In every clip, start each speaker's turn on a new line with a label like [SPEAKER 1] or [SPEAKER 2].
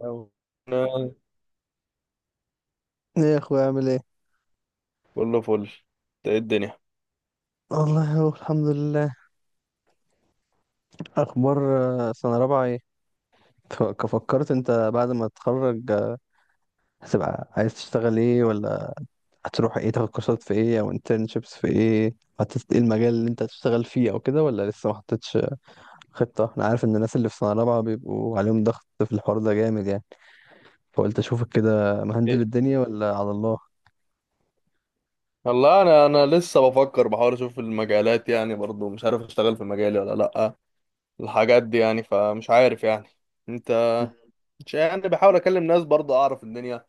[SPEAKER 1] أو- انا
[SPEAKER 2] ايه يا اخويا، عامل ايه؟
[SPEAKER 1] كله فل. إنت ايه الدنيا؟
[SPEAKER 2] والله، هو الحمد لله. اخبار؟ سنه رابعه ايه؟ فكرت انت بعد ما تتخرج هتبقى عايز تشتغل ايه، ولا هتروح ايه، تاخد كورسات في ايه او انترنشيبس في ايه؟ حطيت ايه المجال اللي انت هتشتغل فيه او كده، ولا لسه ما حطيتش خطه؟ انا عارف ان الناس اللي في سنه رابعه بيبقوا عليهم ضغط في الحوار ده جامد يعني، فقلت اشوفك كده مهندل
[SPEAKER 1] إيه؟
[SPEAKER 2] الدنيا ولا على الله.
[SPEAKER 1] والله انا لسه بفكر، بحاول اشوف المجالات، يعني برضو مش عارف اشتغل في مجالي ولا لا. الحاجات دي يعني، فمش عارف يعني. انت... مش يعني، بحاول اكلم ناس برضو اعرف الدنيا،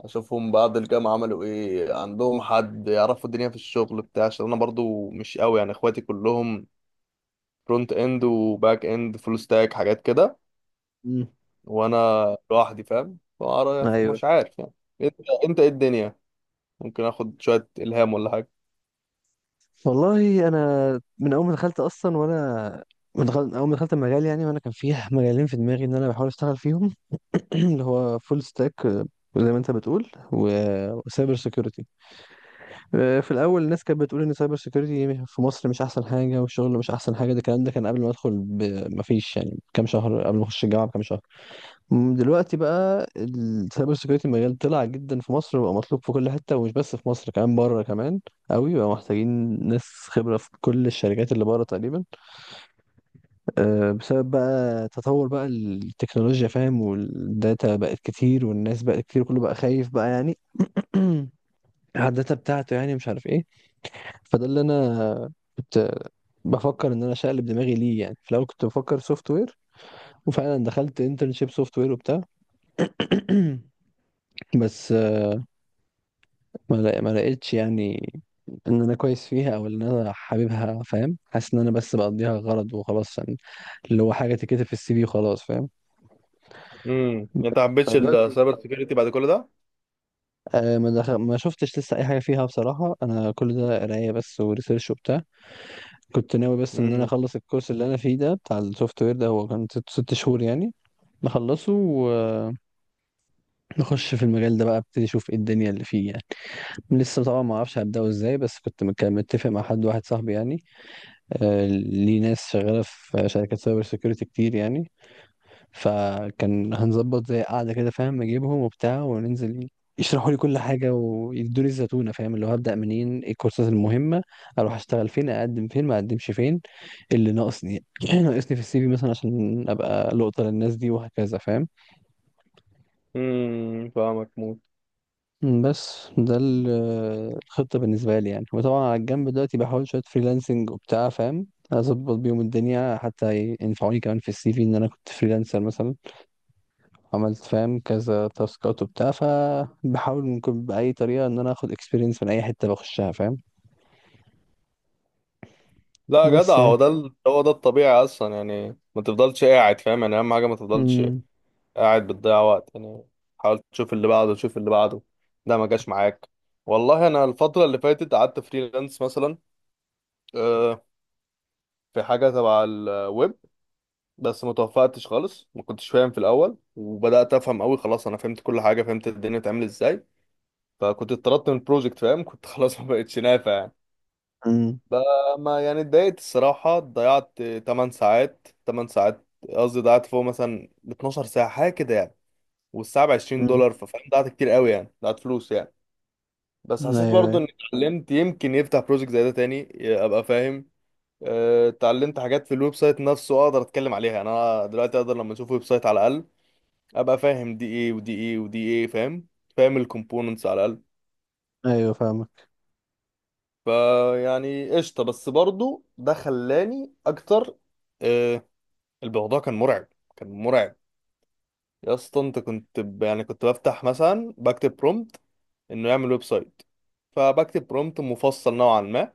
[SPEAKER 1] اشوفهم بعد الجامعة عملوا ايه، عندهم حد يعرفوا الدنيا في الشغل بتاع، عشان انا برضو مش قوي يعني، اخواتي كلهم فرونت اند وباك اند فول ستاك حاجات كده.
[SPEAKER 2] مم.
[SPEAKER 1] وانا لوحدي فاهم،
[SPEAKER 2] ايوه.
[SPEAKER 1] مش عارف يعني. انت انت ايه الدنيا؟ ممكن اخد شويه الهام ولا حاجه.
[SPEAKER 2] والله، انا من اول ما دخلت اصلا وانا اول ما دخلت المجال يعني، وانا كان فيه مجالين في دماغي ان انا بحاول اشتغل فيهم. اللي هو فول ستاك، زي ما انت بتقول، وسايبر سيكيورتي. في الاول الناس كانت بتقول ان سايبر سيكيورتي في مصر مش احسن حاجه، والشغل مش احسن حاجه. ده الكلام ده كان قبل ما ادخل ما فيش يعني كام شهر، قبل ما اخش الجامعه بكام شهر. دلوقتي بقى السايبر سيكيورتي مجال طلع جدا في مصر، وبقى مطلوب في كل حته، ومش بس في مصر، كمان بره كمان قوي. بقى محتاجين ناس خبره في كل الشركات اللي بره تقريبا، بسبب بقى تطور بقى التكنولوجيا، فاهم، والداتا بقت كتير، والناس بقت كتير، كله بقى خايف بقى يعني، على الداتا بتاعته، يعني مش عارف ايه. فده اللي انا كنت بفكر ان انا اشقلب دماغي ليه. يعني في الاول كنت بفكر سوفت وير، وفعلا دخلت انترنشيب سوفت وير وبتاع. بس ما لقيتش يعني ان انا كويس فيها، او ان انا حاببها، فاهم. حاسس ان انا بس بقضيها غرض وخلاص يعني، اللي هو حاجه تتكتب في السي في وخلاص، فاهم.
[SPEAKER 1] انت ما حبيتش
[SPEAKER 2] فدلوقتي
[SPEAKER 1] السايبر سيكيورتي بعد كل ده؟
[SPEAKER 2] ما دخل ما شفتش لسه اي حاجه فيها بصراحه، انا كل ده قرايه بس وريسيرش وبتاع. كنت ناوي بس ان انا
[SPEAKER 1] امم
[SPEAKER 2] اخلص الكورس اللي انا فيه ده، بتاع السوفت وير ده، هو كان ست شهور يعني، نخلصه ونخش في المجال ده بقى، ابتدي اشوف ايه الدنيا اللي فيه يعني. لسه طبعا ما اعرفش هبداه ازاي، بس كنت متفق مع حد واحد صاحبي يعني، ليه ناس شغالة في شركات سايبر سيكيورتي كتير يعني. فكان هنظبط زي قعدة كده، فاهم، اجيبهم وبتاع وننزل يشرحوا لي كل حاجة، ويدوني الزتونة، فاهم، اللي هو هبدأ منين، ايه الكورسات المهمة، اروح اشتغل فين، اقدم فين ما اقدمش فين، اللي ناقصني ناقصني في السي في مثلا، عشان ابقى لقطة للناس دي، وهكذا فاهم.
[SPEAKER 1] فاهمك موت.
[SPEAKER 2] بس ده الخطة بالنسبة لي يعني. وطبعا على الجنب دلوقتي بحاول شوية فريلانسنج وبتاع، فاهم، أظبط بيهم الدنيا، حتى ينفعوني كمان في السي في، إن أنا كنت فريلانسر مثلا، عملت فاهم كذا تاسكات وبتاع. فبحاول ممكن بأي طريقة إن أنا آخد إكسبيرينس من أي حتة بخشها، فاهم.
[SPEAKER 1] لا يا جدع،
[SPEAKER 2] بس يعني
[SPEAKER 1] هو ده الطبيعي اصلا يعني، ما تفضلش قاعد فاهم، يعني اهم حاجه ما تفضلش
[SPEAKER 2] أمم.
[SPEAKER 1] قاعد بتضيع وقت يعني. حاول تشوف اللي بعده، تشوف اللي بعده، ده ما جاش معاك. والله انا الفتره اللي فاتت قعدت فريلانس مثلا، آه، في حاجه تبع الويب. بس ما توفقتش خالص، ما كنتش فاهم في الاول وبدات افهم قوي، خلاص انا فهمت كل حاجه، فهمت الدنيا بتعمل ازاي. فكنت اتطردت من البروجكت فاهم، كنت خلاص ما بقتش نافع يعني.
[SPEAKER 2] أمم.
[SPEAKER 1] فما يعني اتضايقت الصراحة، ضيعت 8 ساعات، 8 ساعات قصدي، ضيعت فوق مثلا 12 ساعة حاجة كده يعني، والساعة ب 20
[SPEAKER 2] أمم.
[SPEAKER 1] دولار ففاهم ضيعت كتير قوي يعني، ضيعت فلوس يعني. بس
[SPEAKER 2] أيوه،
[SPEAKER 1] حسيت برضو اني
[SPEAKER 2] أيوه.
[SPEAKER 1] اتعلمت، يمكن يفتح بروجكت زي ده تاني ابقى فاهم. آه، اتعلمت حاجات في الويب سايت نفسه اقدر اتكلم عليها يعني، انا دلوقتي اقدر لما اشوف ويب سايت على الاقل ابقى فاهم دي ايه ودي ايه ودي ايه فاهم، فاهم الكومبوننتس على الاقل.
[SPEAKER 2] أيوه، فاهمك.
[SPEAKER 1] فيعني قشطة، بس برضو ده خلاني أكتر. آه، الموضوع كان مرعب، كان مرعب. يا اسطى أنت يعني كنت بفتح مثلا بكتب برومبت إنه يعمل ويب سايت، فبكتب برومبت مفصل نوعا ما،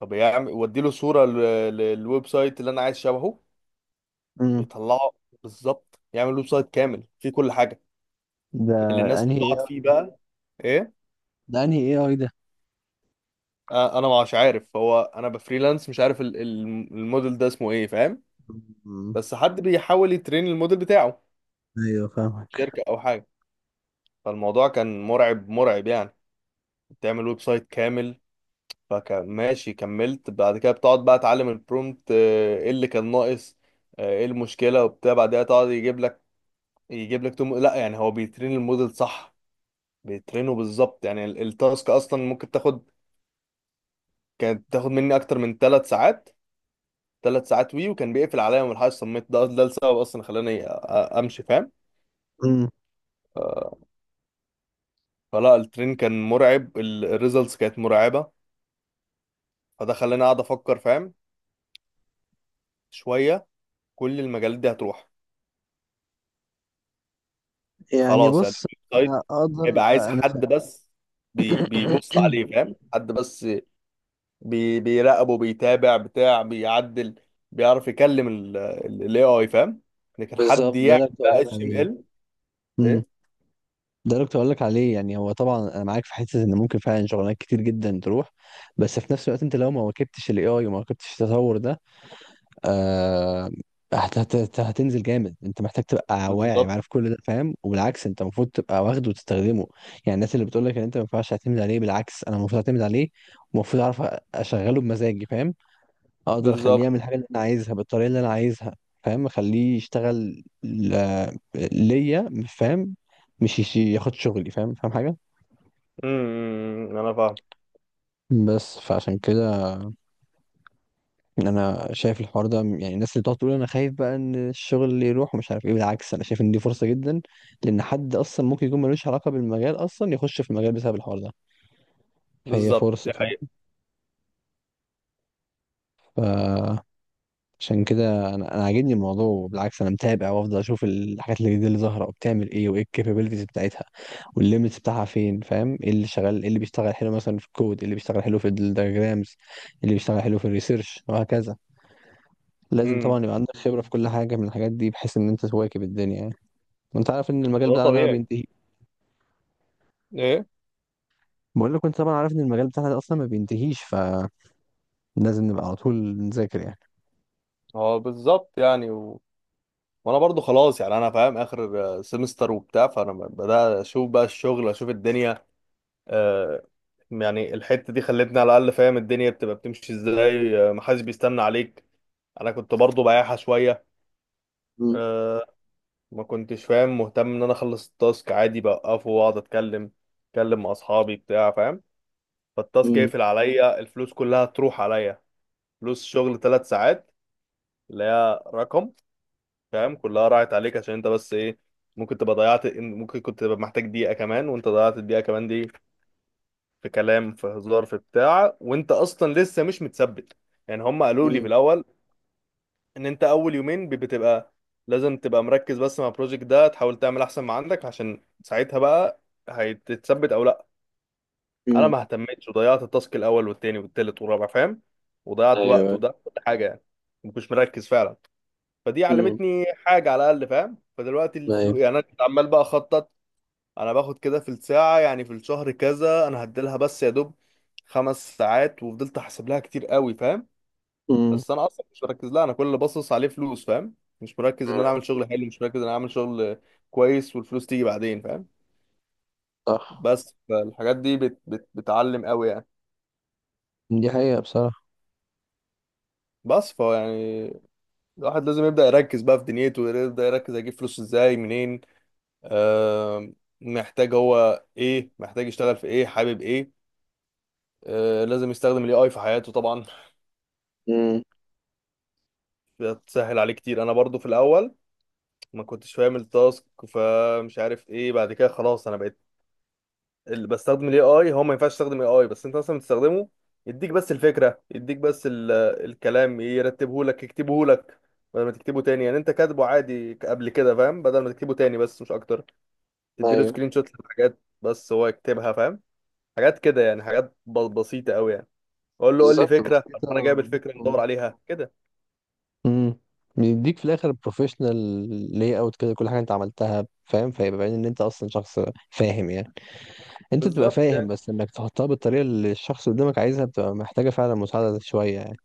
[SPEAKER 1] فبيعمل وديله صورة للويب سايت اللي أنا عايز شبهه.
[SPEAKER 2] أمم.
[SPEAKER 1] بيطلعه بالظبط، يعمل ويب سايت كامل فيه كل حاجة،
[SPEAKER 2] ده
[SPEAKER 1] اللي الناس
[SPEAKER 2] أنهي إيه
[SPEAKER 1] بتقعد فيه
[SPEAKER 2] آي؟
[SPEAKER 1] بقى. إيه؟
[SPEAKER 2] ده أنهي إيه أي ده؟
[SPEAKER 1] آه، أنا مش عارف، هو أنا بفريلانس مش عارف الموديل ده اسمه إيه فاهم،
[SPEAKER 2] أمم.
[SPEAKER 1] بس حد بيحاول يترين الموديل بتاعه،
[SPEAKER 2] أيوه، فاهمك.
[SPEAKER 1] شركة او حاجة. فالموضوع كان مرعب، مرعب يعني، بتعمل ويب سايت كامل. فكان ماشي كملت، بعد كده بتقعد بقى تعلم البرومت، آه، ايه اللي كان ناقص، آه، ايه المشكلة وبتاع، بعدها تقعد يجيب لك، يجيب لك توم لا يعني، هو بيترين الموديل صح، بيترينه بالظبط. يعني التاسك اصلا ممكن تاخد، كانت تاخد مني اكتر من 3 ساعات، 3 ساعات وي، وكان بيقفل عليا من الحاجة الصمت ده، ده السبب اصلا خلاني امشي فاهم.
[SPEAKER 2] أمم.
[SPEAKER 1] فلا الترين كان مرعب، الريزلتس كانت مرعبة. فده خلاني اقعد افكر فاهم شوية، كل المجالات دي هتروح.
[SPEAKER 2] يعني
[SPEAKER 1] خلاص يعني
[SPEAKER 2] بص،
[SPEAKER 1] الويب
[SPEAKER 2] انا
[SPEAKER 1] سايت
[SPEAKER 2] اقدر
[SPEAKER 1] هيبقى عايز
[SPEAKER 2] انا.
[SPEAKER 1] حد بس بيبص عليه فاهم، حد بس بيراقبه، بيتابع بتاع، بيعدل، بيعرف يكلم الاي اي فاهم، لكن حد
[SPEAKER 2] بالظبط، ده
[SPEAKER 1] يعمل
[SPEAKER 2] اللي كنت اقول
[SPEAKER 1] بقى
[SPEAKER 2] لك
[SPEAKER 1] اتش ام
[SPEAKER 2] عليه.
[SPEAKER 1] ال.
[SPEAKER 2] امم.
[SPEAKER 1] ايه،
[SPEAKER 2] ده اللي كنت اقول لك عليه يعني. هو طبعا انا معاك في حته ان ممكن فعلا شغلانات كتير جدا تروح، بس في نفس الوقت انت لو ما واكبتش الاي اي وما واكبتش التطور ده، آه هتنزل جامد. انت محتاج تبقى واعي
[SPEAKER 1] بالظبط.
[SPEAKER 2] وعارف كل ده، فاهم، وبالعكس انت المفروض تبقى واخده وتستخدمه. يعني الناس اللي بتقول لك ان انت ما ينفعش تعتمد عليه، بالعكس انا المفروض اعتمد عليه، ومفروض اعرف اشغله بمزاجي، فاهم، اقدر اخليه
[SPEAKER 1] بالظبط،
[SPEAKER 2] يعمل الحاجه اللي انا عايزها بالطريقه اللي انا عايزها، فاهم. اخليه يشتغل ليا، فاهم، مش ياخد شغلي، فاهم حاجه.
[SPEAKER 1] إمم، إمم، انا فاهم.
[SPEAKER 2] بس فعشان كده انا شايف الحوار ده يعني، الناس اللي بتقعد تقول انا خايف بقى ان الشغل اللي يروح ومش عارف ايه، بالعكس انا شايف ان دي فرصه جدا، لان حد اصلا ممكن يكون ملوش علاقه بالمجال اصلا يخش في المجال بسبب الحوار ده. فهي
[SPEAKER 1] بالظبط،
[SPEAKER 2] فرصه،
[SPEAKER 1] دي حقيقة.
[SPEAKER 2] فاهم. ف عشان كده انا عاجبني الموضوع. بالعكس، انا متابع وافضل اشوف الحاجات الجديده اللي ظاهره وبتعمل ايه، وايه الكابابيلتيز بتاعتها، والليميتس بتاعها فين، فاهم، ايه اللي شغال، ايه اللي بيشتغل حلو مثلا في الكود، ايه اللي بيشتغل حلو في الدياجرامز، اللي بيشتغل حلو في الريسيرش، وهكذا. لازم
[SPEAKER 1] امم
[SPEAKER 2] طبعا يبقى عندك خبره في كل حاجه من الحاجات دي، بحيث ان انت تواكب الدنيا يعني. وانت عارف ان المجال
[SPEAKER 1] ده
[SPEAKER 2] بتاعنا ده ما
[SPEAKER 1] طبيعي.
[SPEAKER 2] بينتهي.
[SPEAKER 1] ايه.
[SPEAKER 2] بقول لك، وانت طبعا عارف، ان المجال بتاعنا ده اصلا ما بينتهيش، فلازم نبقى على طول نذاكر يعني.
[SPEAKER 1] اه بالظبط يعني. وانا برضو خلاص يعني، انا فاهم اخر سمستر وبتاع، فانا بدأت اشوف بقى الشغل، اشوف الدنيا. آه، يعني الحتة دي خلتني على الاقل فاهم الدنيا بتبقى بتمشي ازاي، آه، محدش بيستنى عليك. انا كنت برضو بايعها شوية،
[SPEAKER 2] مم.
[SPEAKER 1] آه، ما كنتش فاهم مهتم ان انا اخلص التاسك عادي، بوقفه واقعد اتكلم، اتكلم مع اصحابي بتاع فاهم. فالتاسك
[SPEAKER 2] مم.
[SPEAKER 1] يقفل عليا، الفلوس كلها تروح عليا. فلوس شغل 3 ساعات، اللي هي رقم فاهم، كلها راحت عليك عشان انت بس ايه، ممكن تبقى ضيعت، ممكن كنت تبقى محتاج دقيقة كمان وانت ضيعت الدقيقة كمان دي في كلام في هزار في بتاع، وانت اصلا لسه مش متثبت. يعني هم قالوا لي في
[SPEAKER 2] مم.
[SPEAKER 1] الاول ان انت اول يومين بتبقى لازم تبقى مركز بس مع البروجكت ده، تحاول تعمل احسن ما عندك، عشان ساعتها بقى هتتثبت او لا. انا
[SPEAKER 2] مم.
[SPEAKER 1] ما اهتمتش وضيعت التاسك الاول والتاني والتالت والرابع فاهم، وضيعت وقت
[SPEAKER 2] ايوه.
[SPEAKER 1] وضيعت كل حاجة يعني، مش مركز فعلا. فدي
[SPEAKER 2] مم.
[SPEAKER 1] علمتني حاجه على الاقل فاهم. فدلوقتي الفلوس
[SPEAKER 2] ايوه.
[SPEAKER 1] يعني، انا كنت عمال بقى اخطط انا باخد كده في الساعه، يعني في الشهر كذا انا هديلها، بس يا دوب 5 ساعات، وفضلت احسب لها كتير قوي فاهم.
[SPEAKER 2] مم.
[SPEAKER 1] بس انا اصلا مش مركز لها، انا كل اللي باصص عليه فلوس فاهم، مش مركز ان انا
[SPEAKER 2] مم.
[SPEAKER 1] اعمل شغل حلو، مش مركز ان انا اعمل شغل كويس والفلوس تيجي بعدين فاهم.
[SPEAKER 2] صح.
[SPEAKER 1] بس فالحاجات دي بت بت بتعلم قوي يعني.
[SPEAKER 2] دي حقيقة بصراحة.
[SPEAKER 1] بس فهو يعني، الواحد لازم يبدأ يركز بقى في دنيته، يبدأ يركز هيجيب فلوس ازاي منين، آم، محتاج هو ايه، محتاج يشتغل في ايه، حابب ايه. آه، لازم يستخدم الاي اي في حياته طبعا،
[SPEAKER 2] امم.
[SPEAKER 1] بتسهل عليه كتير. انا برضو في الاول ما كنتش فاهم التاسك، فمش عارف ايه، بعد كده خلاص انا بقيت اللي بستخدم الاي اي. هو ما ينفعش يستخدم اي اي بس، انت مثلا بتستخدمه يديك بس الفكره، يديك بس الكلام يرتبه لك يكتبه لك بدل ما تكتبه تاني يعني، انت كاتبه عادي قبل كده فاهم، بدل ما تكتبه تاني بس مش اكتر. تديله
[SPEAKER 2] ايوه.
[SPEAKER 1] سكرين شوت للحاجات بس هو يكتبها فاهم. حاجات كده يعني، حاجات بسيطة قوي يعني، اقول له قول لي
[SPEAKER 2] بالظبط،
[SPEAKER 1] فكرة، طب انا
[SPEAKER 2] بسيطة.
[SPEAKER 1] جايب الفكرة ندور
[SPEAKER 2] مم.
[SPEAKER 1] عليها كده.
[SPEAKER 2] امم. بيديك في الاخر بروفيشنال لاي اوت كده كل حاجه انت عملتها، فاهم، فيبقى باين ان انت اصلا شخص فاهم يعني، انت بتبقى
[SPEAKER 1] بالظبط
[SPEAKER 2] فاهم،
[SPEAKER 1] يعني.
[SPEAKER 2] بس انك تحطها بالطريقه اللي الشخص اللي قدامك عايزها بتبقى محتاجه فعلا مساعده شويه يعني.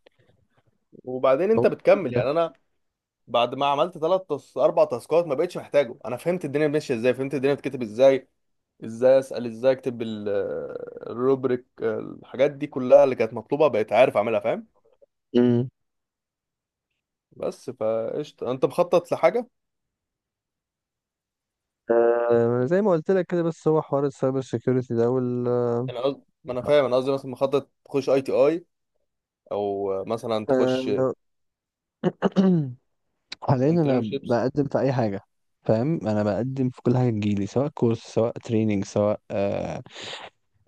[SPEAKER 1] وبعدين
[SPEAKER 2] هو
[SPEAKER 1] انت
[SPEAKER 2] التيك
[SPEAKER 1] بتكمل
[SPEAKER 2] ده.
[SPEAKER 1] يعني. انا بعد ما عملت 4 تاسكات ما بقتش محتاجه، انا فهمت الدنيا ماشية ازاي، فهمت الدنيا بتكتب ازاي، ازاي اسأل، ازاي اكتب الروبريك، الحاجات دي كلها اللي كانت مطلوبة بقيت عارف اعملها فاهم.
[SPEAKER 2] امم.
[SPEAKER 1] بس فقشطة، انت مخطط لحاجة؟
[SPEAKER 2] آه، زي ما قلت لك كده. بس هو حوار السايبر سيكيورتي ده
[SPEAKER 1] يعني ما انا فاهم، انا قصدي مثلا مخطط تخش اي تي اي، او مثلا تخش
[SPEAKER 2] آه، حاليا انا
[SPEAKER 1] انترنشيبس.
[SPEAKER 2] بقدم في اي حاجه، فاهم. انا بقدم في كل حاجه تجيلي، سواء كورس، سواء تريننج، سواء آه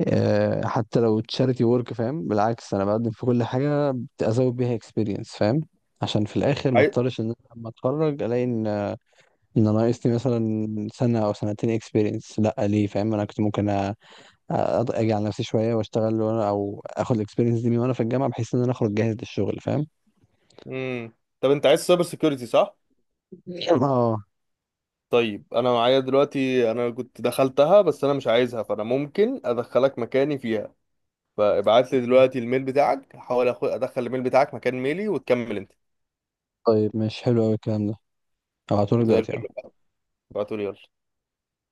[SPEAKER 2] آه حتى لو تشاريتي ورك، فاهم. بالعكس، انا بقدم في كل حاجه ازود بيها اكسبيرينس، فاهم، عشان في الاخر ما اضطرش ان انا لما اتخرج الاقي ان ان انا ناقصني مثلا سنه او سنتين اكسبيرينس. لا ليه، فاهم؟ انا كنت ممكن اجي على نفسي شويه واشتغل وانا، او اخد الاكسبيرينس دي من وانا في الجامعه، بحيث ان انا اخرج جاهز للشغل، فاهم.
[SPEAKER 1] امم، طب انت عايز سايبر سيكيورتي صح؟
[SPEAKER 2] اه.
[SPEAKER 1] طيب انا معايا دلوقتي، انا كنت دخلتها بس انا مش عايزها، فانا ممكن ادخلك مكاني فيها. فابعت لي دلوقتي الميل بتاعك، هحاول ادخل الميل بتاعك مكان ميلي وتكمل انت.
[SPEAKER 2] طيب، ماشي، حلو قوي الكلام ده. هبعتهولك
[SPEAKER 1] زي
[SPEAKER 2] دلوقتي
[SPEAKER 1] الفل
[SPEAKER 2] أهو.
[SPEAKER 1] بقى، ابعته لي يلا.